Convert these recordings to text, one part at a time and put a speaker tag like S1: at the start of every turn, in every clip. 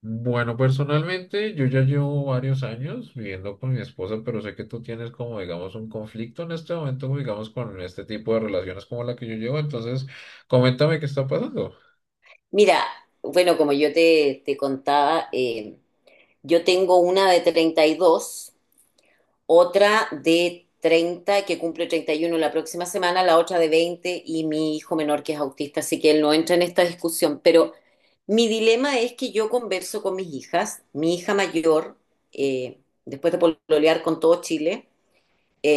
S1: Bueno, personalmente yo ya llevo varios años viviendo con mi esposa, pero sé que tú tienes como, digamos, un conflicto en este momento, como, digamos, con este tipo de relaciones como la que yo llevo. Entonces, coméntame qué está pasando.
S2: Mira, bueno, como yo te contaba, yo tengo una de 32, otra de 30 que cumple 31 la próxima semana, la otra de 20 y mi hijo menor que es autista, así que él no entra en esta discusión. Pero mi dilema es que yo converso con mis hijas, mi hija mayor, eh, después de pololear con todo Chile,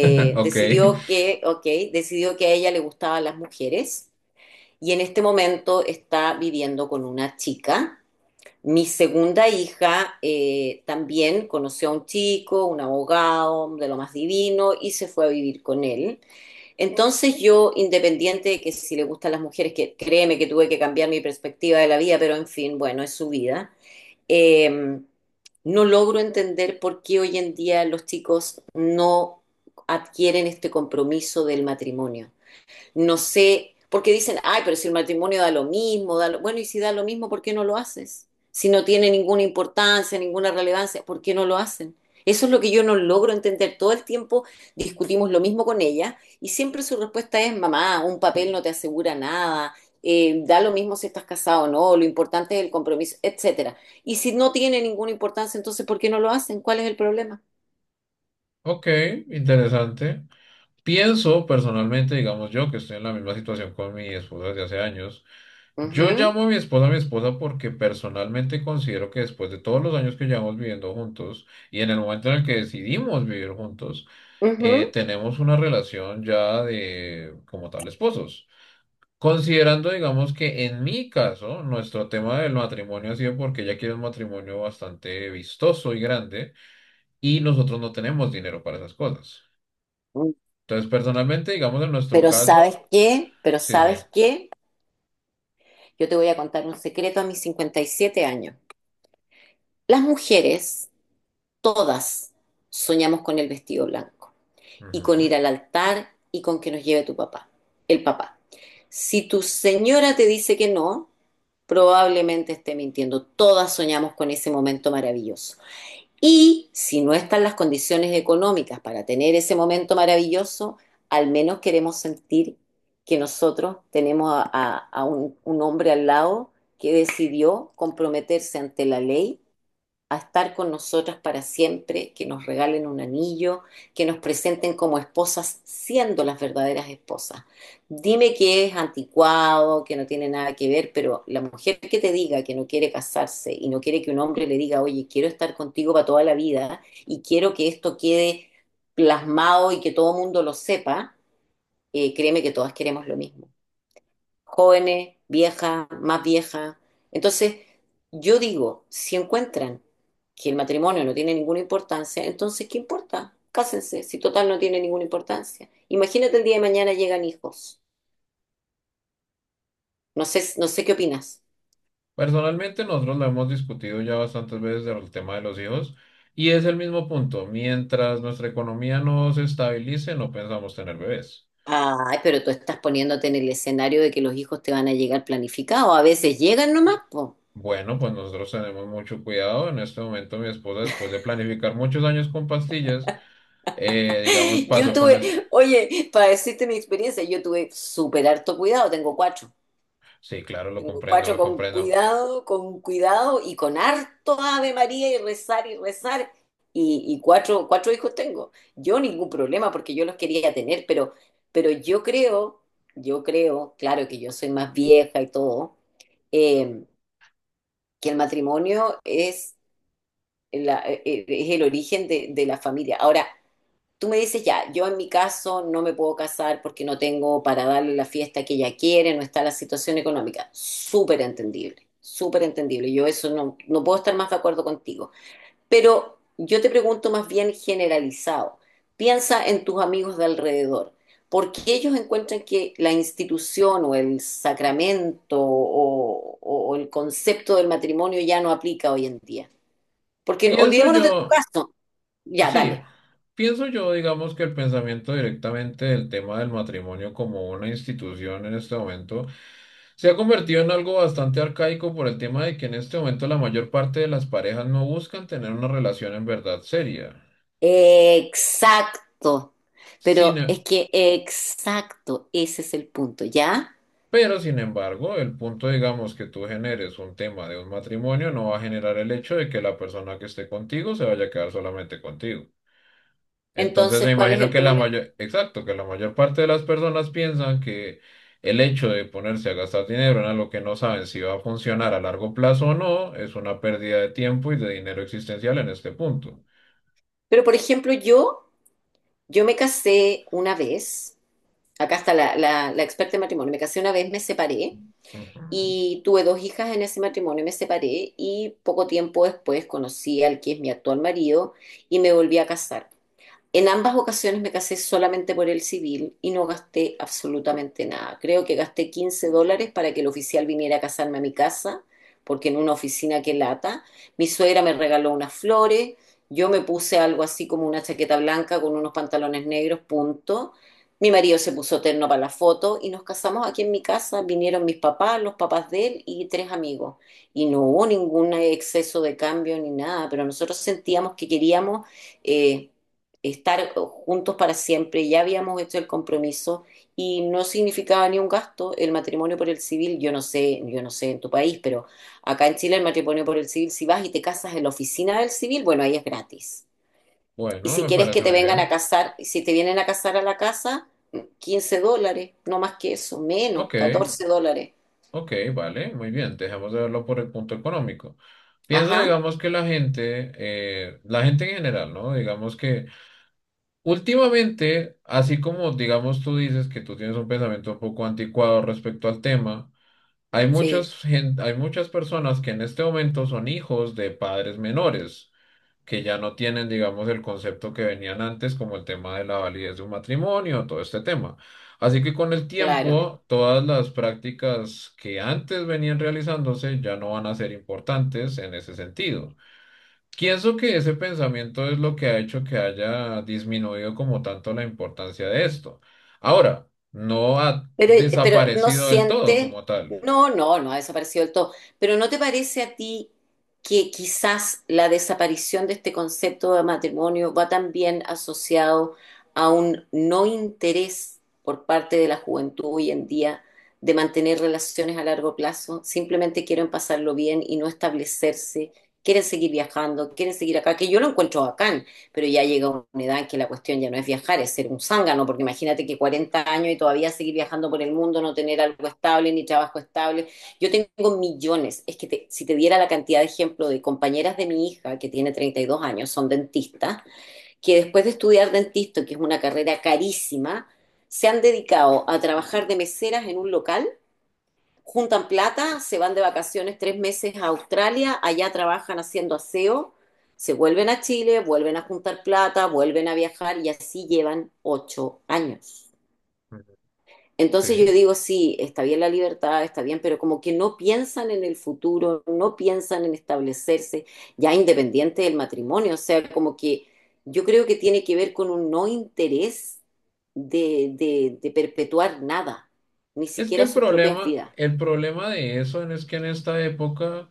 S1: Ok,
S2: decidió que, ok, decidió que a ella le gustaban las mujeres y en este momento está viviendo con una chica. Mi segunda hija, también conoció a un chico, un abogado de lo más divino, y se fue a vivir con él. Entonces yo, independiente de que si le gustan las mujeres, que créeme que tuve que cambiar mi perspectiva de la vida, pero en fin, bueno, es su vida. eh, no logro entender por qué hoy en día los chicos no adquieren este compromiso del matrimonio. No sé, porque dicen, ay, pero si el matrimonio da lo mismo, da lo... bueno, y si da lo mismo, ¿por qué no lo haces? Si no tiene ninguna importancia, ninguna relevancia, ¿por qué no lo hacen? Eso es lo que yo no logro entender. Todo el tiempo discutimos lo mismo con ella y siempre su respuesta es, mamá, un papel no te asegura nada, da lo mismo si estás casado o no, lo importante es el compromiso, etcétera. Y si no tiene ninguna importancia, entonces, ¿por qué no lo hacen? ¿Cuál es el problema?
S1: ok, interesante. Pienso personalmente, digamos, yo que estoy en la misma situación con mi esposa desde hace años. Yo
S2: Ujú,
S1: llamo a mi esposa porque personalmente considero que después de todos los años que llevamos viviendo juntos y en el momento en el que decidimos vivir juntos, tenemos una relación ya de como tal esposos. Considerando, digamos que en mi caso, nuestro tema del matrimonio ha sido porque ella quiere un matrimonio bastante vistoso y grande y nosotros no tenemos dinero para esas cosas.
S2: ujú.
S1: Entonces, personalmente, digamos en nuestro
S2: Pero ¿sabes
S1: caso,
S2: qué? Pero
S1: sí, sí.
S2: ¿sabes qué? Yo te voy a contar un secreto a mis 57 años. Las mujeres, todas, soñamos con el vestido blanco y con
S1: Ujú.
S2: ir al altar y con que nos lleve tu papá, el papá. Si tu señora te dice que no, probablemente esté mintiendo. Todas soñamos con ese momento maravilloso. Y si no están las condiciones económicas para tener ese momento maravilloso, al menos queremos sentir que nosotros tenemos a un hombre al lado que decidió comprometerse ante la ley a estar con nosotras para siempre, que nos regalen un anillo, que nos presenten como esposas siendo las verdaderas esposas. Dime que es anticuado, que no tiene nada que ver, pero la mujer que te diga que no quiere casarse y no quiere que un hombre le diga, oye, quiero estar contigo para toda la vida y quiero que esto quede plasmado y que todo el mundo lo sepa, créeme que todas queremos lo mismo, jóvenes, viejas, más viejas. Entonces, yo digo, si encuentran que el matrimonio no tiene ninguna importancia, entonces, ¿qué importa? Cásense, si total no tiene ninguna importancia. Imagínate el día de mañana llegan hijos. No sé, no sé qué opinas.
S1: Personalmente, nosotros lo hemos discutido ya bastantes veces el tema de los hijos y es el mismo punto. Mientras nuestra economía no se estabilice, no pensamos tener bebés.
S2: Ay, pero tú estás poniéndote en el escenario de que los hijos te van a llegar planificados. A veces llegan nomás, po.
S1: Bueno, pues nosotros tenemos mucho cuidado. En este momento mi esposa, después de planificar muchos años con pastillas, digamos,
S2: Yo
S1: pasó con el...
S2: tuve, oye, para decirte mi experiencia, yo tuve súper harto cuidado, tengo cuatro.
S1: Sí, claro, lo comprendo,
S2: Cuatro
S1: lo comprendo.
S2: con cuidado y con harto Ave María y rezar y rezar. Y cuatro hijos tengo. Yo ningún problema porque yo los quería tener, pero, pero yo creo, claro que yo soy más vieja y todo, eh, que el matrimonio es, es el origen de, la familia. Ahora, tú me dices, ya, yo en mi caso no me puedo casar porque no tengo para darle la fiesta que ella quiere, no está la situación económica. Súper entendible, súper entendible. Yo eso no, no puedo estar más de acuerdo contigo. Pero yo te pregunto más bien generalizado. Piensa en tus amigos de alrededor. ¿Por qué ellos encuentran que la institución o el sacramento o el concepto del matrimonio ya no aplica hoy en día? Porque
S1: Pienso
S2: olvidémonos de tu
S1: yo,
S2: caso. Ya,
S1: sí,
S2: dale.
S1: pienso yo, digamos, que el pensamiento directamente del tema del matrimonio como una institución en este momento se ha convertido en algo bastante arcaico por el tema de que en este momento la mayor parte de las parejas no buscan tener una relación en verdad seria.
S2: Exacto.
S1: Sin,
S2: Pero
S1: e
S2: es que exacto, ese es el punto, ¿ya?
S1: Pero, sin embargo, el punto, digamos, que tú generes un tema de un matrimonio no va a generar el hecho de que la persona que esté contigo se vaya a quedar solamente contigo. Entonces,
S2: Entonces,
S1: me
S2: ¿cuál es
S1: imagino
S2: el
S1: que la
S2: problema?
S1: mayor, exacto, que la mayor parte de las personas piensan que el hecho de ponerse a gastar dinero en algo que no saben si va a funcionar a largo plazo o no es una pérdida de tiempo y de dinero existencial en este punto.
S2: Pero, por ejemplo, yo me casé una vez, acá está la experta en matrimonio, me casé una vez, me separé
S1: Ujú.
S2: y tuve dos hijas en ese matrimonio, me separé y poco tiempo después conocí al que es mi actual marido y me volví a casar. En ambas ocasiones me casé solamente por el civil y no gasté absolutamente nada. Creo que gasté $15 para que el oficial viniera a casarme a mi casa, porque en una oficina, que lata. Mi suegra me regaló unas flores, yo me puse algo así como una chaqueta blanca con unos pantalones negros, punto. Mi marido se puso terno para la foto y nos casamos aquí en mi casa. Vinieron mis papás, los papás de él y tres amigos. Y no hubo ningún exceso de cambio ni nada, pero nosotros sentíamos que queríamos... eh, estar juntos para siempre, ya habíamos hecho el compromiso y no significaba ni un gasto el matrimonio por el civil. Yo no sé en tu país, pero acá en Chile el matrimonio por el civil, si vas y te casas en la oficina del civil, bueno, ahí es gratis. Y
S1: Bueno,
S2: si
S1: me
S2: quieres que
S1: parece
S2: te
S1: muy
S2: vengan
S1: bien.
S2: a casar, si te vienen a casar a la casa, $15, no más que eso, menos,
S1: Ok,
S2: $14.
S1: ok, vale, muy bien. Dejemos de verlo por el punto económico. Pienso,
S2: Ajá,
S1: digamos, que la gente en general, ¿no? Digamos que últimamente, así como, digamos, tú dices que tú tienes un pensamiento un poco anticuado respecto al tema, hay
S2: sí,
S1: muchas hay muchas personas que en este momento son hijos de padres menores, que ya no tienen, digamos, el concepto que venían antes, como el tema de la validez de un matrimonio, todo este tema. Así que con el
S2: claro.
S1: tiempo, todas las prácticas que antes venían realizándose ya no van a ser importantes en ese sentido. Pienso que ese pensamiento es lo que ha hecho que haya disminuido como tanto la importancia de esto. Ahora, no ha
S2: Pero, pero no
S1: desaparecido del todo
S2: siente,
S1: como tal.
S2: no, no, no ha desaparecido del todo. Pero ¿no te parece a ti que quizás la desaparición de este concepto de matrimonio va también asociado a un no interés por parte de la juventud hoy en día de mantener relaciones a largo plazo? Simplemente quieren pasarlo bien y no establecerse, quieren seguir viajando, quieren seguir acá, que yo lo encuentro acá, pero ya llega una edad en que la cuestión ya no es viajar, es ser un zángano, porque imagínate que 40 años y todavía seguir viajando por el mundo, no tener algo estable, ni trabajo estable. Yo tengo millones, es que si te diera la cantidad de ejemplo de compañeras de mi hija, que tiene 32 años, son dentistas, que después de estudiar dentista, que es una carrera carísima, se han dedicado a trabajar de meseras en un local, juntan plata, se van de vacaciones 3 meses a Australia, allá trabajan haciendo aseo, se vuelven a Chile, vuelven a juntar plata, vuelven a viajar y así llevan 8 años.
S1: Ujú.
S2: Entonces yo
S1: Sí.
S2: digo, sí, está bien la libertad, está bien, pero como que no piensan en el futuro, no piensan en establecerse, ya independiente del matrimonio, o sea, como que yo creo que tiene que ver con un no interés de, de perpetuar nada, ni
S1: Es que
S2: siquiera sus propias vidas,
S1: el problema de eso es que en esta época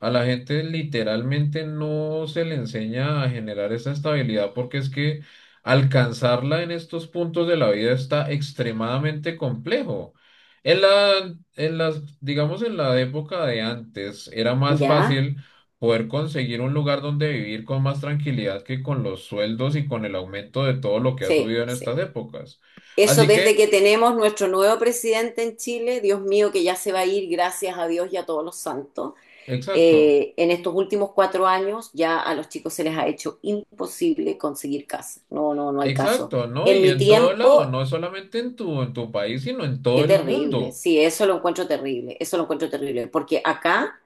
S1: a la gente literalmente no se le enseña a generar esa estabilidad porque es que alcanzarla en estos puntos de la vida está extremadamente complejo. En la, en las, digamos, en la época de antes era más
S2: ¿ya?
S1: fácil poder conseguir un lugar donde vivir con más tranquilidad que con los sueldos y con el aumento de todo lo que ha
S2: Sí,
S1: subido en
S2: sí.
S1: estas épocas.
S2: Eso
S1: Así
S2: desde
S1: que,
S2: que tenemos nuestro nuevo presidente en Chile, Dios mío, que ya se va a ir, gracias a Dios y a todos los santos.
S1: exacto.
S2: En estos últimos 4 años ya a los chicos se les ha hecho imposible conseguir casa. No, no, no hay caso.
S1: Exacto, ¿no?
S2: En
S1: Y
S2: mi
S1: en todo lado,
S2: tiempo,
S1: no solamente en tu país, sino en todo
S2: qué
S1: el
S2: terrible.
S1: mundo.
S2: Sí, eso lo encuentro terrible. Eso lo encuentro terrible. Porque acá,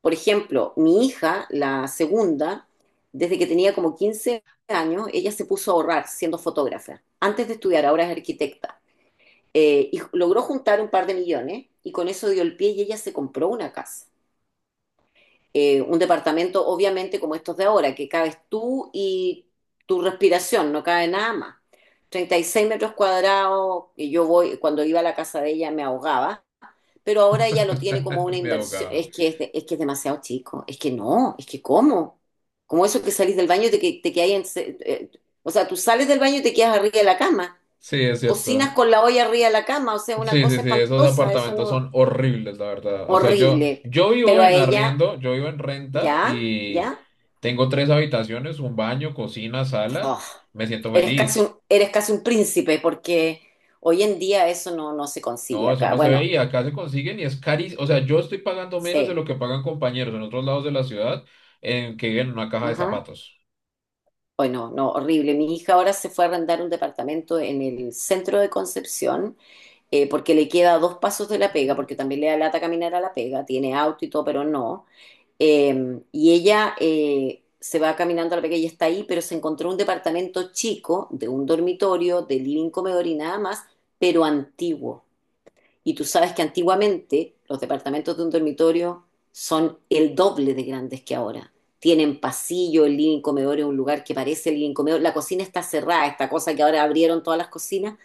S2: por ejemplo, mi hija, la segunda, desde que tenía como 15 años, ella se puso a ahorrar siendo fotógrafa. Antes de estudiar, ahora es arquitecta. Y logró juntar un par de millones y con eso dio el pie y ella se compró una casa. Un departamento, obviamente, como estos de ahora, que cabes tú y tu respiración, no cabe nada más. 36 metros cuadrados, y yo voy, cuando iba a la casa de ella me ahogaba, pero ahora ella lo tiene como una
S1: Me
S2: inversión.
S1: ahogaba.
S2: Es que es, es que es demasiado chico, es que no, es que ¿cómo? Como eso que salís del baño y te quedáis o sea, tú sales del baño y te quedas arriba de la cama,
S1: Sí, es
S2: cocinas
S1: cierto.
S2: con la olla arriba de la cama, o sea, una
S1: Sí,
S2: cosa
S1: sí, sí, esos
S2: espantosa. Eso
S1: apartamentos
S2: no,
S1: son horribles, la verdad. O sea, yo,
S2: horrible.
S1: yo vivo
S2: Pero a
S1: en
S2: ella,
S1: arriendo, yo vivo en renta
S2: ya,
S1: y
S2: ya,
S1: tengo tres habitaciones, un baño, cocina, sala.
S2: oh,
S1: Me siento feliz.
S2: eres casi un príncipe, porque hoy en día eso no, no se consigue
S1: No, eso
S2: acá.
S1: no se
S2: Bueno,
S1: ve y acá se consiguen y es carísimo. O sea, yo estoy pagando menos de
S2: sí,
S1: lo que pagan compañeros en otros lados de la ciudad en que viven en una caja de
S2: ajá.
S1: zapatos.
S2: Bueno, no, horrible. Mi hija ahora se fue a arrendar un departamento en el centro de Concepción, porque le queda dos pasos de la pega, porque también le da lata caminar a la pega, tiene auto y todo, pero no. Y ella se va caminando a la pega y está ahí, pero se encontró un departamento chico, de un dormitorio, de living, comedor y nada más, pero antiguo. Y tú sabes que antiguamente los departamentos de un dormitorio son el doble de grandes que ahora. Tienen pasillo, el living comedor es un lugar que parece el living comedor. La cocina está cerrada, esta cosa que ahora abrieron todas las cocinas,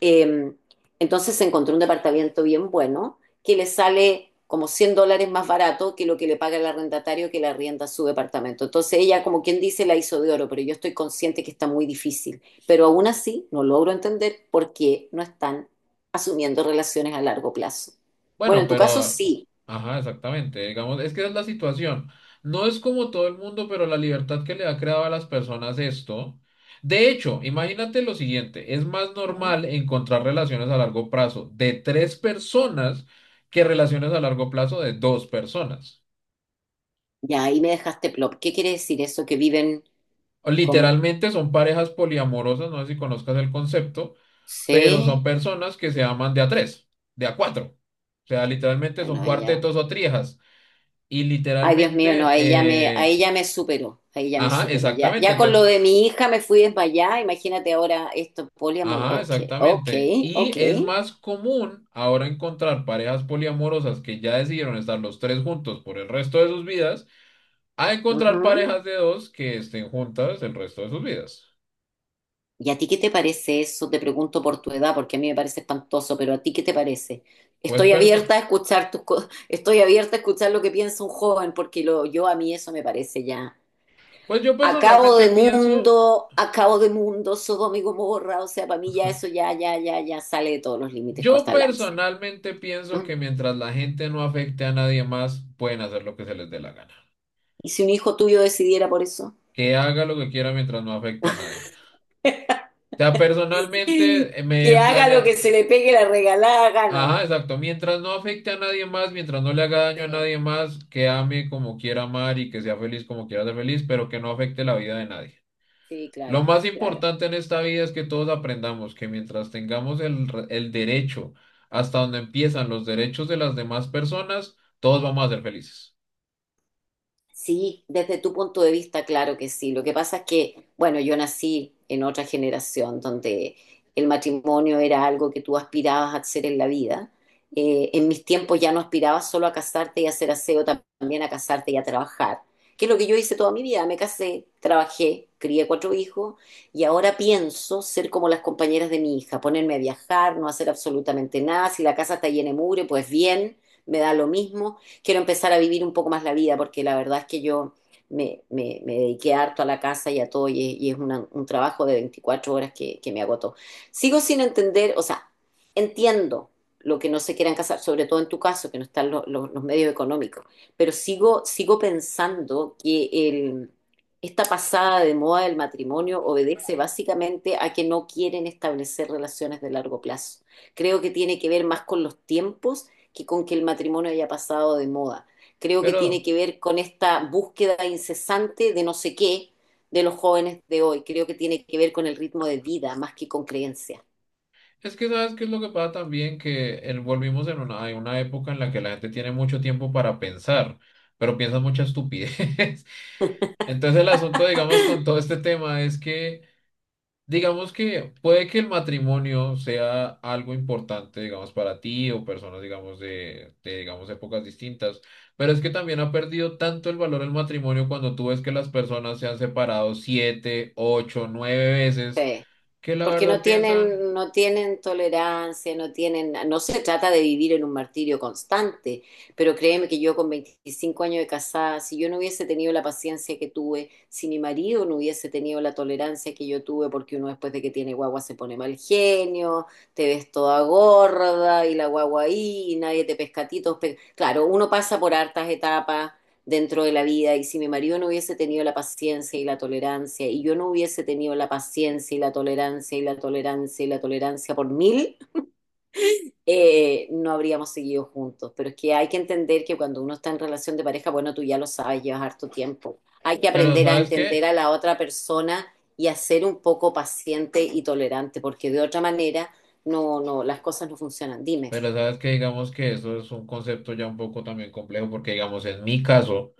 S2: eh, entonces encontró un departamento bien bueno que le sale como $100 más barato que lo que le paga el arrendatario que le arrienda su departamento. Entonces ella, como quien dice, la hizo de oro, pero yo estoy consciente que está muy difícil. Pero aún así no logro entender por qué no están asumiendo relaciones a largo plazo. Bueno,
S1: Bueno,
S2: en tu caso
S1: pero,
S2: sí.
S1: ajá, exactamente. Digamos, es que esa es la situación. No es como todo el mundo, pero la libertad que le ha creado a las personas esto. De hecho, imagínate lo siguiente, es más
S2: ¿No?
S1: normal encontrar relaciones a largo plazo de tres personas que relaciones a largo plazo de dos personas.
S2: Ya ahí me dejaste plop. ¿Qué quiere decir eso? Que viven como.
S1: Literalmente son parejas poliamorosas, no sé si conozcas el concepto, pero son
S2: Sí.
S1: personas que se aman de a tres, de a cuatro. O sea, literalmente
S2: Ya.
S1: son
S2: No, ya.
S1: cuartetos o triejas. Y
S2: Ay, Dios mío, no,
S1: literalmente,
S2: ahí ya me superó, ahí ya me
S1: ajá,
S2: superó. Ya,
S1: exactamente.
S2: ya con lo
S1: Entonces,
S2: de mi hija me fui desmayada, imagínate ahora esto, poliamor.
S1: ajá,
S2: Ok, ok,
S1: exactamente. Y
S2: ok.
S1: es más común ahora encontrar parejas poliamorosas que ya decidieron estar los tres juntos por el resto de sus vidas, a encontrar
S2: Ujú.
S1: parejas de dos que estén juntas el resto de sus vidas.
S2: ¿Y a ti qué te parece eso? Te pregunto por tu edad, porque a mí me parece espantoso, pero ¿a ti qué te parece?
S1: Pues,
S2: Estoy abierta
S1: perso-
S2: a escuchar estoy abierta a escuchar lo que piensa un joven, porque yo a mí eso me parece ya.
S1: pues
S2: Acabo de mundo, Sodoma y Gomorra, o sea, para mí ya eso ya, ya, ya, ya sale de todos los límites,
S1: yo
S2: corta el lance.
S1: personalmente pienso que mientras la gente no afecte a nadie más, pueden hacer lo que se les dé la gana.
S2: Y si un hijo tuyo decidiera por eso,
S1: Que haga lo que quiera mientras no afecte a nadie. O sea, personalmente me
S2: que haga lo
S1: planea.
S2: que se le pegue la regalada gana.
S1: Ajá, exacto. Mientras no afecte a nadie más, mientras no le haga daño a
S2: Sí,
S1: nadie más, que ame como quiera amar y que sea feliz como quiera ser feliz, pero que no afecte la vida de nadie.
S2: sí,
S1: Lo
S2: claro,
S1: más
S2: claro.
S1: importante en esta vida es que todos aprendamos que mientras tengamos el derecho, hasta donde empiezan los derechos de las demás personas, todos vamos a ser felices.
S2: Sí, desde tu punto de vista, claro que sí. Lo que pasa es que, bueno, yo nací en otra generación donde el matrimonio era algo que tú aspirabas a hacer en la vida. En mis tiempos ya no aspirabas solo a casarte y a hacer aseo, también a casarte y a trabajar, que es lo que yo hice toda mi vida. Me casé, trabajé, crié cuatro hijos y ahora pienso ser como las compañeras de mi hija, ponerme a viajar, no hacer absolutamente nada. Si la casa está llena de mugre, pues bien, me da lo mismo. Quiero empezar a vivir un poco más la vida, porque la verdad es que yo me dediqué harto a la casa y a todo, y es un trabajo de 24 horas que me agotó. Sigo sin entender, o sea, entiendo lo que no se quieran casar, sobre todo en tu caso, que no están los medios económicos, pero sigo pensando que esta pasada de moda del matrimonio obedece básicamente a que no quieren establecer relaciones de largo plazo. Creo que tiene que ver más con los tiempos que con que el matrimonio haya pasado de moda. Creo que tiene
S1: Pero
S2: que ver con esta búsqueda incesante de no sé qué de los jóvenes de hoy. Creo que tiene que ver con el ritmo de vida más que con creencias.
S1: es que sabes qué es lo que pasa también, que volvimos en una, hay una época en la que la gente tiene mucho tiempo para pensar, pero piensa mucha estupidez. Entonces el asunto, digamos, con todo este tema es que, digamos que puede que el matrimonio sea algo importante, digamos, para ti o personas, digamos, de, digamos, épocas distintas, pero es que también ha perdido tanto el valor el matrimonio cuando tú ves que las personas se han separado siete, ocho, nueve veces,
S2: Sí.
S1: que la
S2: Porque no
S1: verdad piensan,
S2: tienen, no tienen tolerancia, no tienen, no se trata de vivir en un martirio constante, pero créeme que yo con 25 años de casada, si yo no hubiese tenido la paciencia que tuve, si mi marido no hubiese tenido la tolerancia que yo tuve, porque uno después de que tiene guagua se pone mal genio, te ves toda gorda y la guagua ahí y nadie te pesca a ti, claro, uno pasa por hartas etapas dentro de la vida, y si mi marido no hubiese tenido la paciencia y la tolerancia y yo no hubiese tenido la paciencia y la tolerancia y la tolerancia y la tolerancia por mil, no habríamos seguido juntos. Pero es que hay que entender que cuando uno está en relación de pareja, bueno, tú ya lo sabes, llevas harto tiempo. Hay que
S1: pero
S2: aprender a
S1: ¿sabes
S2: entender
S1: qué?
S2: a la otra persona y a ser un poco paciente y tolerante, porque de otra manera no, no, las cosas no funcionan. Dime,
S1: Pero sabes que digamos que eso es un concepto ya un poco también complejo, porque digamos, en mi caso,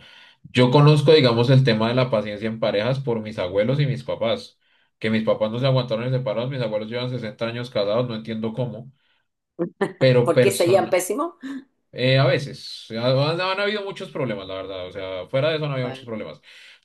S1: yo conozco, digamos, el tema de la paciencia en parejas por mis abuelos y mis papás, que mis papás no se aguantaron y separados, mis abuelos llevan 60 años casados, no entiendo cómo, pero
S2: ¿por qué se llevan
S1: persona,
S2: pésimo?
S1: a veces, han habido muchos problemas, la verdad, o sea, fuera de eso no había muchos
S2: Bueno.
S1: problemas,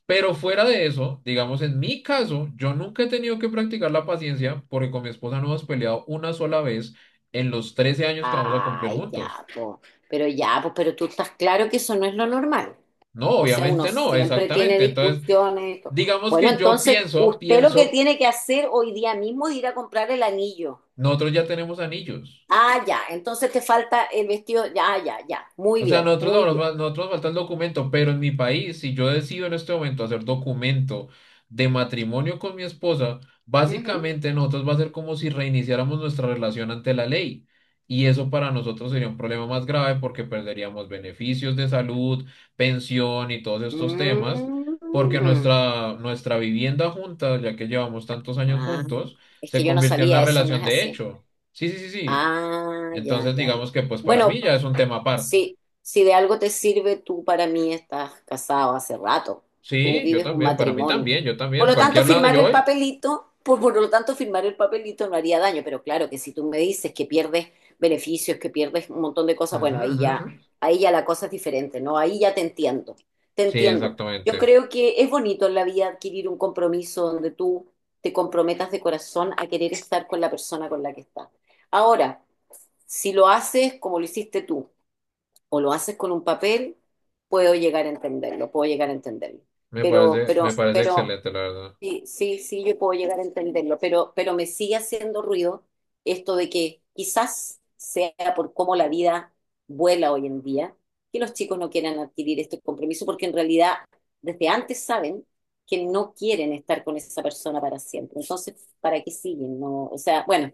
S1: pero fuera de eso, digamos, en mi caso, yo nunca he tenido que practicar la paciencia porque con mi esposa no hemos peleado una sola vez en los 13 años que vamos a cumplir
S2: Ay,
S1: juntos.
S2: ya, po. Pero ya, pues, pero tú estás claro que eso no es lo normal.
S1: No,
S2: O sea, uno
S1: obviamente no,
S2: siempre tiene
S1: exactamente, entonces...
S2: discusiones. Y
S1: Digamos
S2: bueno,
S1: que yo
S2: entonces,
S1: pienso,
S2: usted lo que
S1: pienso
S2: tiene que hacer hoy día mismo es ir a comprar el anillo.
S1: Nosotros ya tenemos anillos.
S2: Ah, ya, entonces te falta el vestido. Ya, ya, ya. Muy
S1: O sea,
S2: bien,
S1: nosotros,
S2: muy bien.
S1: nosotros falta el documento, pero en mi país, si yo decido en este momento hacer documento de matrimonio con mi esposa,
S2: Ujú.
S1: básicamente nosotros va a ser como si reiniciáramos nuestra relación ante la ley. Y eso para nosotros sería un problema más grave porque perderíamos beneficios de salud, pensión y todos estos temas, porque
S2: Mm.
S1: nuestra, nuestra vivienda junta, ya que llevamos tantos años
S2: Ah,
S1: juntos,
S2: es
S1: se
S2: que yo no
S1: convirtió en una
S2: sabía, eso no es
S1: relación de
S2: así.
S1: hecho. Sí, sí, sí, sí.
S2: Ah, ya,
S1: Entonces,
S2: ya, ya.
S1: digamos que pues para
S2: Bueno,
S1: mí ya es un tema aparte.
S2: sí, si de algo te sirve, tú para mí estás casado hace rato. Tú
S1: Sí, yo
S2: vives un
S1: también, para mí
S2: matrimonio.
S1: también, yo
S2: Por
S1: también,
S2: lo tanto,
S1: cualquier lado donde
S2: firmar
S1: yo
S2: el
S1: voy.
S2: papelito, por lo tanto, firmar el papelito no haría daño. Pero claro que si tú me dices que pierdes beneficios, que pierdes un montón de cosas,
S1: Ujú,
S2: bueno, ahí
S1: ujú,
S2: ya,
S1: ujú.
S2: ahí ya la cosa es diferente, ¿no? Ahí ya te entiendo. Te
S1: Sí,
S2: entiendo. Yo
S1: exactamente.
S2: creo que es bonito en la vida adquirir un compromiso donde tú te comprometas de corazón a querer estar con la persona con la que estás. Ahora, si lo haces como lo hiciste tú o lo haces con un papel, puedo llegar a entenderlo, puedo llegar a entenderlo. Pero, pero,
S1: Me parece
S2: pero,
S1: excelente, la verdad.
S2: sí, sí, sí, yo puedo llegar a entenderlo, pero me sigue haciendo ruido esto de que quizás sea por cómo la vida vuela hoy en día, que los chicos no quieran adquirir este compromiso, porque en realidad desde antes saben que no quieren estar con esa persona para siempre. Entonces, ¿para qué siguen? No, o sea, bueno,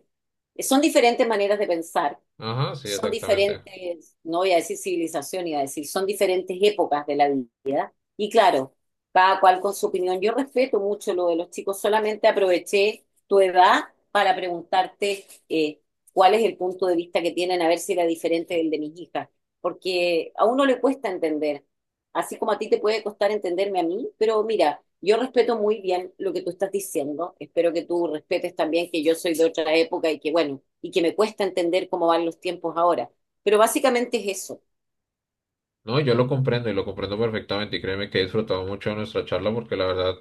S2: son diferentes maneras de pensar.
S1: Ajá, sí,
S2: Son
S1: exactamente.
S2: diferentes, no voy a decir civilización, iba a decir, son diferentes épocas de la vida. Y claro, cada cual con su opinión. Yo respeto mucho lo de los chicos, solamente aproveché tu edad para preguntarte cuál es el punto de vista que tienen, a ver si era diferente del de mis hijas. Porque a uno le cuesta entender así como a ti te puede costar entenderme a mí, pero mira, yo respeto muy bien lo que tú estás diciendo, espero que tú respetes también que yo soy de otra época y que bueno, y que me cuesta entender cómo van los tiempos ahora, pero básicamente es eso.
S1: No, yo lo comprendo y lo comprendo perfectamente y créeme que he disfrutado mucho de nuestra charla porque la verdad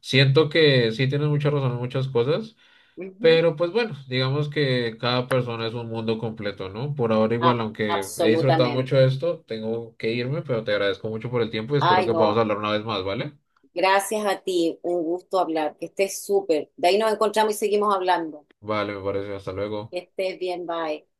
S1: siento que sí tienes mucha razón en muchas cosas.
S2: Ujú.
S1: Pero pues bueno, digamos que cada persona es un mundo completo, ¿no? Por ahora
S2: A-
S1: igual, aunque he disfrutado mucho de
S2: Absolutamente.
S1: esto, tengo que irme, pero te agradezco mucho por el tiempo y espero
S2: Ay,
S1: que podamos
S2: no,
S1: hablar una vez más, ¿vale?
S2: gracias a ti, un gusto hablar, que estés súper. De ahí nos encontramos y seguimos hablando.
S1: Vale, me parece. Hasta luego.
S2: Que estés bien, bye.